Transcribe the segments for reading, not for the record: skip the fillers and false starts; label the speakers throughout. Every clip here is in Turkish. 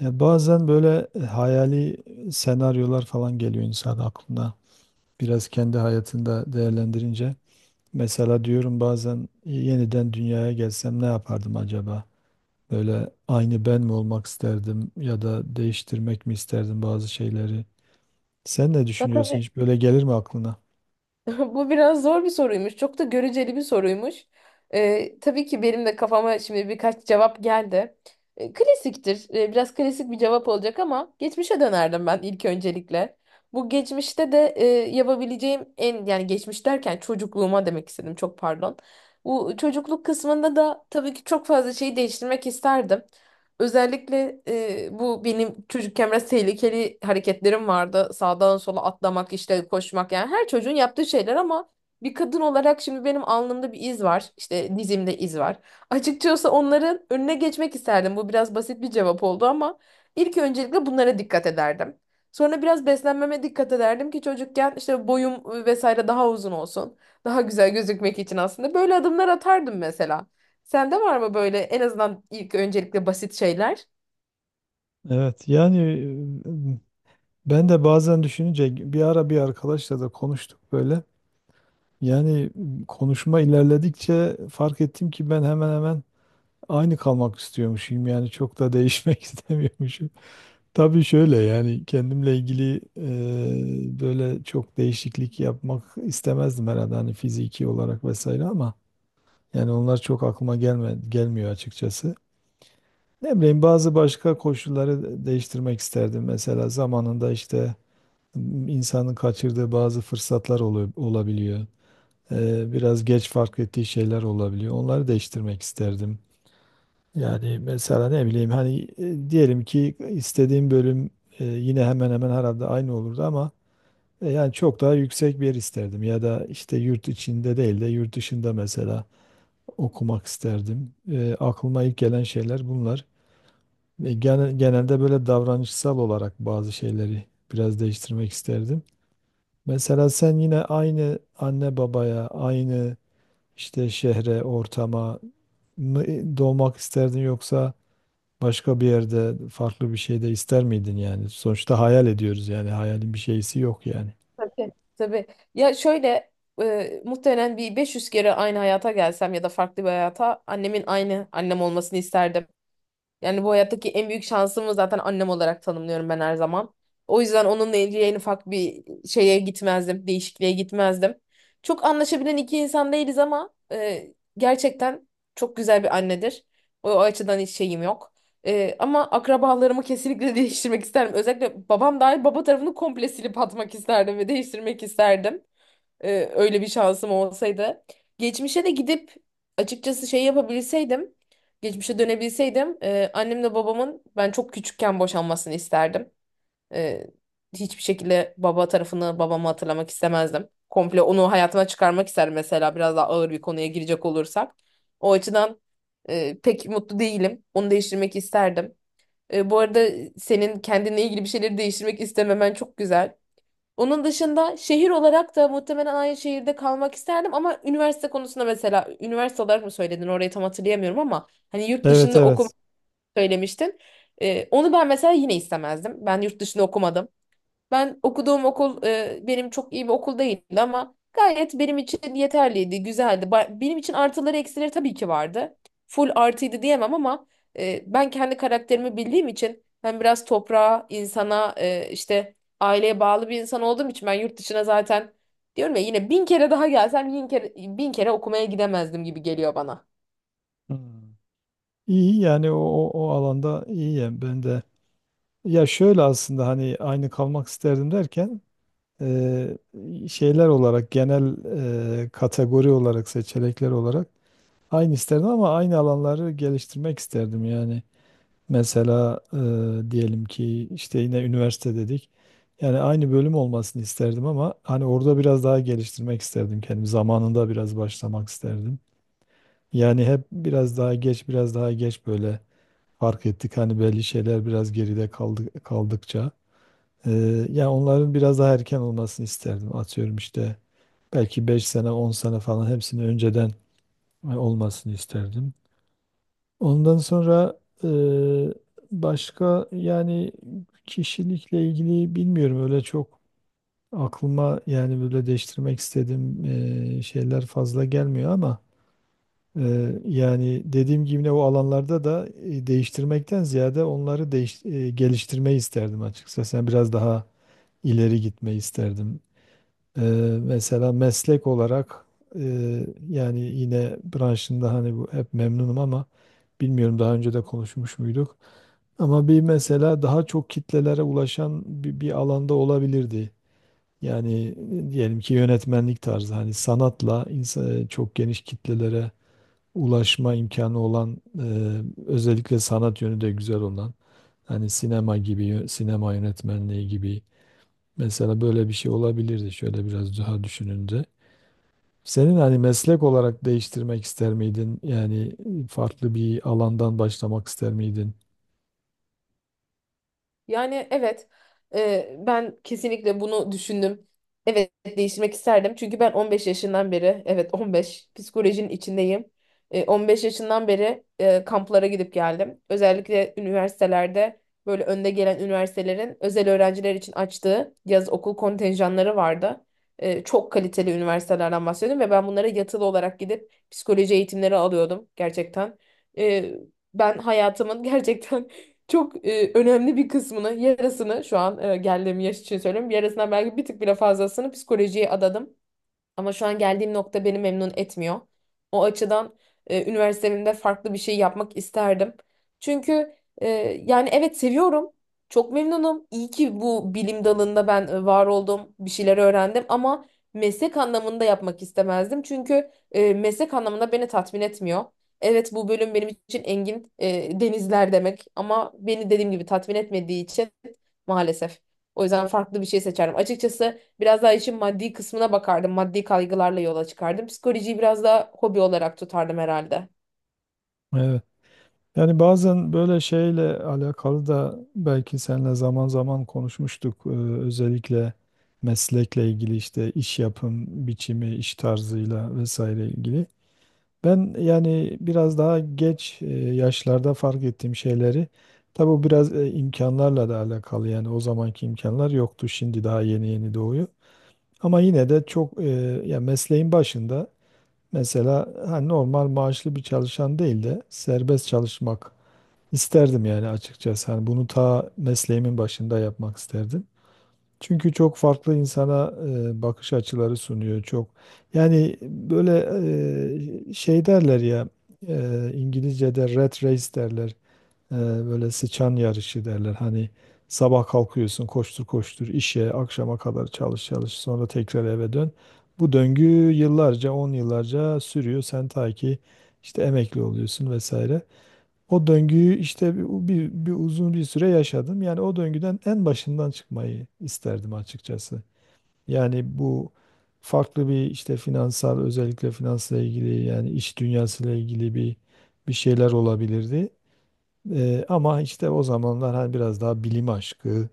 Speaker 1: Ya bazen böyle hayali senaryolar falan geliyor insan aklına. Biraz kendi hayatında değerlendirince. Mesela diyorum bazen yeniden dünyaya gelsem ne yapardım acaba? Böyle aynı ben mi olmak isterdim ya da değiştirmek mi isterdim bazı şeyleri? Sen ne
Speaker 2: Ya
Speaker 1: düşünüyorsun?
Speaker 2: tabii
Speaker 1: Hiç böyle gelir mi aklına?
Speaker 2: bu biraz zor bir soruymuş. Çok da göreceli bir soruymuş. Tabii ki benim de kafama şimdi birkaç cevap geldi. Klasiktir. Biraz klasik bir cevap olacak ama geçmişe dönerdim ben ilk öncelikle. Bu geçmişte de yapabileceğim en, yani geçmiş derken çocukluğuma demek istedim. Çok pardon. Bu çocukluk kısmında da tabii ki çok fazla şeyi değiştirmek isterdim. Özellikle bu benim çocukken biraz tehlikeli hareketlerim vardı. Sağdan sola atlamak, işte koşmak, yani her çocuğun yaptığı şeyler ama bir kadın olarak şimdi benim alnımda bir iz var. İşte dizimde iz var. Açıkçası onların önüne geçmek isterdim. Bu biraz basit bir cevap oldu ama ilk öncelikle bunlara dikkat ederdim. Sonra biraz beslenmeme dikkat ederdim ki çocukken işte boyum vesaire daha uzun olsun. Daha güzel gözükmek için aslında böyle adımlar atardım mesela. Sende var mı böyle en azından ilk öncelikle basit şeyler?
Speaker 1: Evet, yani e, ben de bazen düşününce bir ara bir arkadaşla da konuştuk böyle. Yani konuşma ilerledikçe fark ettim ki ben hemen hemen aynı kalmak istiyormuşum, yani çok da değişmek istemiyormuşum. Tabii şöyle, yani kendimle ilgili böyle çok değişiklik yapmak istemezdim herhalde, hani fiziki olarak vesaire, ama yani onlar çok aklıma gelmiyor açıkçası. Ne bileyim, bazı başka koşulları değiştirmek isterdim. Mesela zamanında işte insanın kaçırdığı bazı fırsatlar olabiliyor. Biraz geç fark ettiği şeyler olabiliyor. Onları değiştirmek isterdim. Yani mesela ne bileyim, hani diyelim ki istediğim bölüm yine hemen hemen herhalde aynı olurdu, ama yani çok daha yüksek bir yer isterdim ya da işte yurt içinde değil de yurt dışında mesela okumak isterdim. Aklıma ilk gelen şeyler bunlar. Genelde böyle davranışsal olarak bazı şeyleri biraz değiştirmek isterdim. Mesela sen yine aynı anne babaya, aynı işte şehre, ortama mı doğmak isterdin, yoksa başka bir yerde farklı bir şey de ister miydin yani? Sonuçta hayal ediyoruz yani. Hayalin bir şeysi yok yani.
Speaker 2: Tabii. Tabii. Ya şöyle, muhtemelen bir 500 kere aynı hayata gelsem ya da farklı bir hayata, annemin aynı annem olmasını isterdim. Yani bu hayattaki en büyük şansımı zaten annem olarak tanımlıyorum ben her zaman. O yüzden onunla ilgili en ufak bir şeye gitmezdim, değişikliğe gitmezdim. Çok anlaşabilen iki insan değiliz ama gerçekten çok güzel bir annedir. O, o açıdan hiç şeyim yok. E, ama akrabalarımı kesinlikle değiştirmek isterdim. Özellikle babam dahil baba tarafını komple silip atmak isterdim ve değiştirmek isterdim. Öyle bir şansım olsaydı. Geçmişe de gidip açıkçası şey yapabilseydim, geçmişe dönebilseydim, annemle babamın ben çok küçükken boşanmasını isterdim. Ee, Hiçbir şekilde baba tarafını, babamı hatırlamak istemezdim. Komple onu hayatıma çıkarmak isterdim mesela, biraz daha ağır bir konuya girecek olursak. O açıdan pek mutlu değilim. Onu değiştirmek isterdim. E, bu arada senin kendinle ilgili bir şeyleri değiştirmek istememen çok güzel. Onun dışında şehir olarak da muhtemelen aynı şehirde kalmak isterdim, ama üniversite konusunda, mesela üniversite olarak mı söyledin orayı tam hatırlayamıyorum, ama hani yurt
Speaker 1: Evet,
Speaker 2: dışında
Speaker 1: evet.
Speaker 2: okumak söylemiştin. Onu ben mesela yine istemezdim. Ben yurt dışında okumadım. Ben okuduğum okul, benim çok iyi bir okul değildi ama gayet benim için yeterliydi, güzeldi. Benim için artıları eksileri tabii ki vardı. Full artıydı diyemem ama ben kendi karakterimi bildiğim için, ben biraz toprağa, insana, işte aileye bağlı bir insan olduğum için, ben yurt dışına zaten, diyorum ya, yine bin kere daha gelsem, bin kere okumaya gidemezdim gibi geliyor bana.
Speaker 1: Hmm. İyi, yani o alanda iyiyim ben de. Ya şöyle aslında, hani aynı kalmak isterdim derken e, şeyler olarak genel kategori olarak, seçenekler olarak aynı isterdim ama aynı alanları geliştirmek isterdim yani. Mesela diyelim ki işte yine üniversite dedik. Yani aynı bölüm olmasını isterdim ama hani orada biraz daha geliştirmek isterdim kendimi. Zamanında biraz başlamak isterdim. Yani hep biraz daha geç, biraz daha geç böyle fark ettik. Hani belli şeyler biraz geride kaldı, kaldıkça. E, yani onların biraz daha erken olmasını isterdim. Atıyorum işte belki 5 sene, 10 sene falan hepsini önceden olmasını isterdim. Ondan sonra, başka yani kişilikle ilgili bilmiyorum, öyle çok aklıma yani böyle değiştirmek istediğim şeyler fazla gelmiyor, ama yani dediğim gibi yine o alanlarda da değiştirmekten ziyade onları geliştirmeyi isterdim açıkçası. Yani biraz daha ileri gitmeyi isterdim. Ee, mesela meslek olarak yani yine branşında, hani bu hep memnunum, ama bilmiyorum daha önce de konuşmuş muyduk. Ama bir mesela daha çok kitlelere ulaşan bir alanda olabilirdi. Yani diyelim ki yönetmenlik tarzı, hani sanatla insan, çok geniş kitlelere ulaşma imkanı olan, özellikle sanat yönü de güzel olan, hani sinema gibi sinema yönetmenliği gibi. Mesela böyle bir şey olabilirdi şöyle biraz daha düşününce. Senin hani meslek olarak değiştirmek ister miydin? Yani farklı bir alandan başlamak ister miydin?
Speaker 2: Yani evet, ben kesinlikle bunu düşündüm. Evet, değiştirmek isterdim. Çünkü ben 15 yaşından beri, evet 15, psikolojinin içindeyim. E, 15 yaşından beri kamplara gidip geldim. Özellikle üniversitelerde böyle önde gelen üniversitelerin özel öğrenciler için açtığı yaz okul kontenjanları vardı. Çok kaliteli üniversitelerden bahsediyorum ve ben bunlara yatılı olarak gidip psikoloji eğitimleri alıyordum gerçekten. E, Ben hayatımın gerçekten çok önemli bir kısmını, yarısını, şu an geldiğim yaş için söylüyorum, yarısından belki bir tık bile fazlasını psikolojiye adadım. Ama şu an geldiğim nokta beni memnun etmiyor. O açıdan üniversitemde farklı bir şey yapmak isterdim. Çünkü, e, yani evet seviyorum. Çok memnunum. İyi ki bu bilim dalında ben var oldum, bir şeyler öğrendim, ama meslek anlamında yapmak istemezdim. Çünkü meslek anlamında beni tatmin etmiyor. Evet, bu bölüm benim için engin denizler demek, ama beni dediğim gibi tatmin etmediği için, maalesef. O yüzden farklı bir şey seçerim açıkçası. Biraz daha işin maddi kısmına bakardım. Maddi kaygılarla yola çıkardım. Psikolojiyi biraz daha hobi olarak tutardım herhalde.
Speaker 1: Evet. Yani bazen böyle şeyle alakalı da belki seninle zaman zaman konuşmuştuk. Özellikle meslekle ilgili, işte iş yapım biçimi, iş tarzıyla vesaire ilgili. Ben yani biraz daha geç yaşlarda fark ettiğim şeyleri, tabi bu biraz imkanlarla da alakalı, yani o zamanki imkanlar yoktu, şimdi daha yeni yeni doğuyor. Ama yine de çok ya mesleğin başında, mesela hani normal maaşlı bir çalışan değil de serbest çalışmak isterdim yani açıkçası. Hani bunu ta mesleğimin başında yapmak isterdim. Çünkü çok farklı insana bakış açıları sunuyor çok. Yani böyle şey derler ya, İngilizce'de rat race derler. E, böyle sıçan yarışı derler. Hani sabah kalkıyorsun, koştur koştur işe, akşama kadar çalış çalış, sonra tekrar eve dön. Bu döngü yıllarca 10 yıllarca sürüyor. Sen ta ki işte emekli oluyorsun vesaire. O döngüyü işte bir uzun bir süre yaşadım. Yani o döngüden en başından çıkmayı isterdim açıkçası. Yani bu farklı bir işte finansal, özellikle finansla ilgili, yani iş dünyasıyla ilgili bir şeyler olabilirdi. Ama işte o zamanlar hani biraz daha bilim aşkı,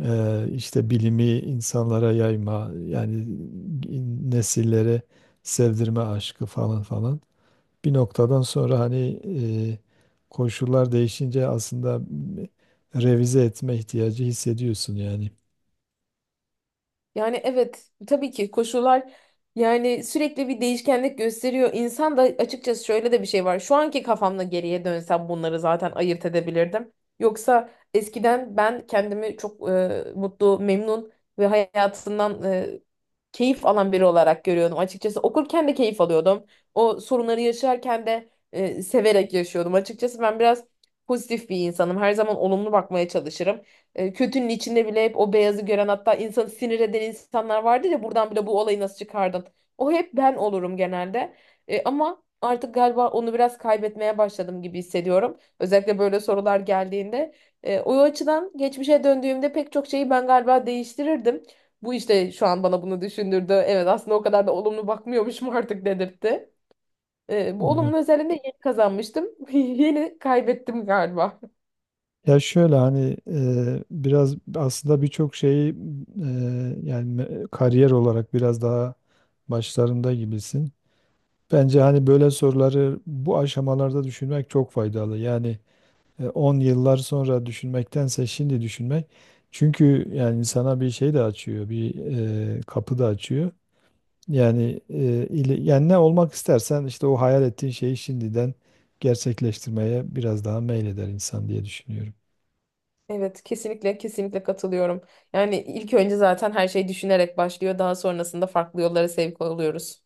Speaker 1: işte bilimi insanlara yayma, yani nesillere sevdirme aşkı, falan falan, bir noktadan sonra hani e, koşullar değişince aslında revize etme ihtiyacı hissediyorsun yani.
Speaker 2: Yani evet, tabii ki koşullar, yani sürekli bir değişkenlik gösteriyor. İnsan da açıkçası, şöyle de bir şey var: şu anki kafamla geriye dönsem bunları zaten ayırt edebilirdim. Yoksa eskiden ben kendimi çok mutlu, memnun ve hayatından keyif alan biri olarak görüyordum. Açıkçası okurken de keyif alıyordum. O sorunları yaşarken de severek yaşıyordum. Açıkçası ben biraz pozitif bir insanım. Her zaman olumlu bakmaya çalışırım. E, kötünün içinde bile hep o beyazı gören, hatta insanı sinir eden insanlar vardı ya, buradan bile bu olayı nasıl çıkardın? O hep ben olurum genelde. E, ama artık galiba onu biraz kaybetmeye başladım gibi hissediyorum. Özellikle böyle sorular geldiğinde. E, o açıdan geçmişe döndüğümde pek çok şeyi ben galiba değiştirirdim. Bu işte şu an bana bunu düşündürdü. Evet, aslında o kadar da olumlu bakmıyormuşum artık dedirtti. E, bu
Speaker 1: Evet.
Speaker 2: olumlu özelliğini de yeni kazanmıştım. Yeni kaybettim galiba.
Speaker 1: Ya şöyle, hani biraz aslında birçok şeyi, yani kariyer olarak biraz daha başlarında gibisin. Bence hani böyle soruları bu aşamalarda düşünmek çok faydalı. Yani 10 yıllar sonra düşünmektense şimdi düşünmek. Çünkü yani insana bir şey de açıyor, bir kapı da açıyor. Yani yani ne olmak istersen işte o hayal ettiğin şeyi şimdiden gerçekleştirmeye biraz daha meyleder insan diye düşünüyorum.
Speaker 2: Evet, kesinlikle, kesinlikle katılıyorum. Yani ilk önce zaten her şey düşünerek başlıyor. Daha sonrasında farklı yollara sevk oluyoruz.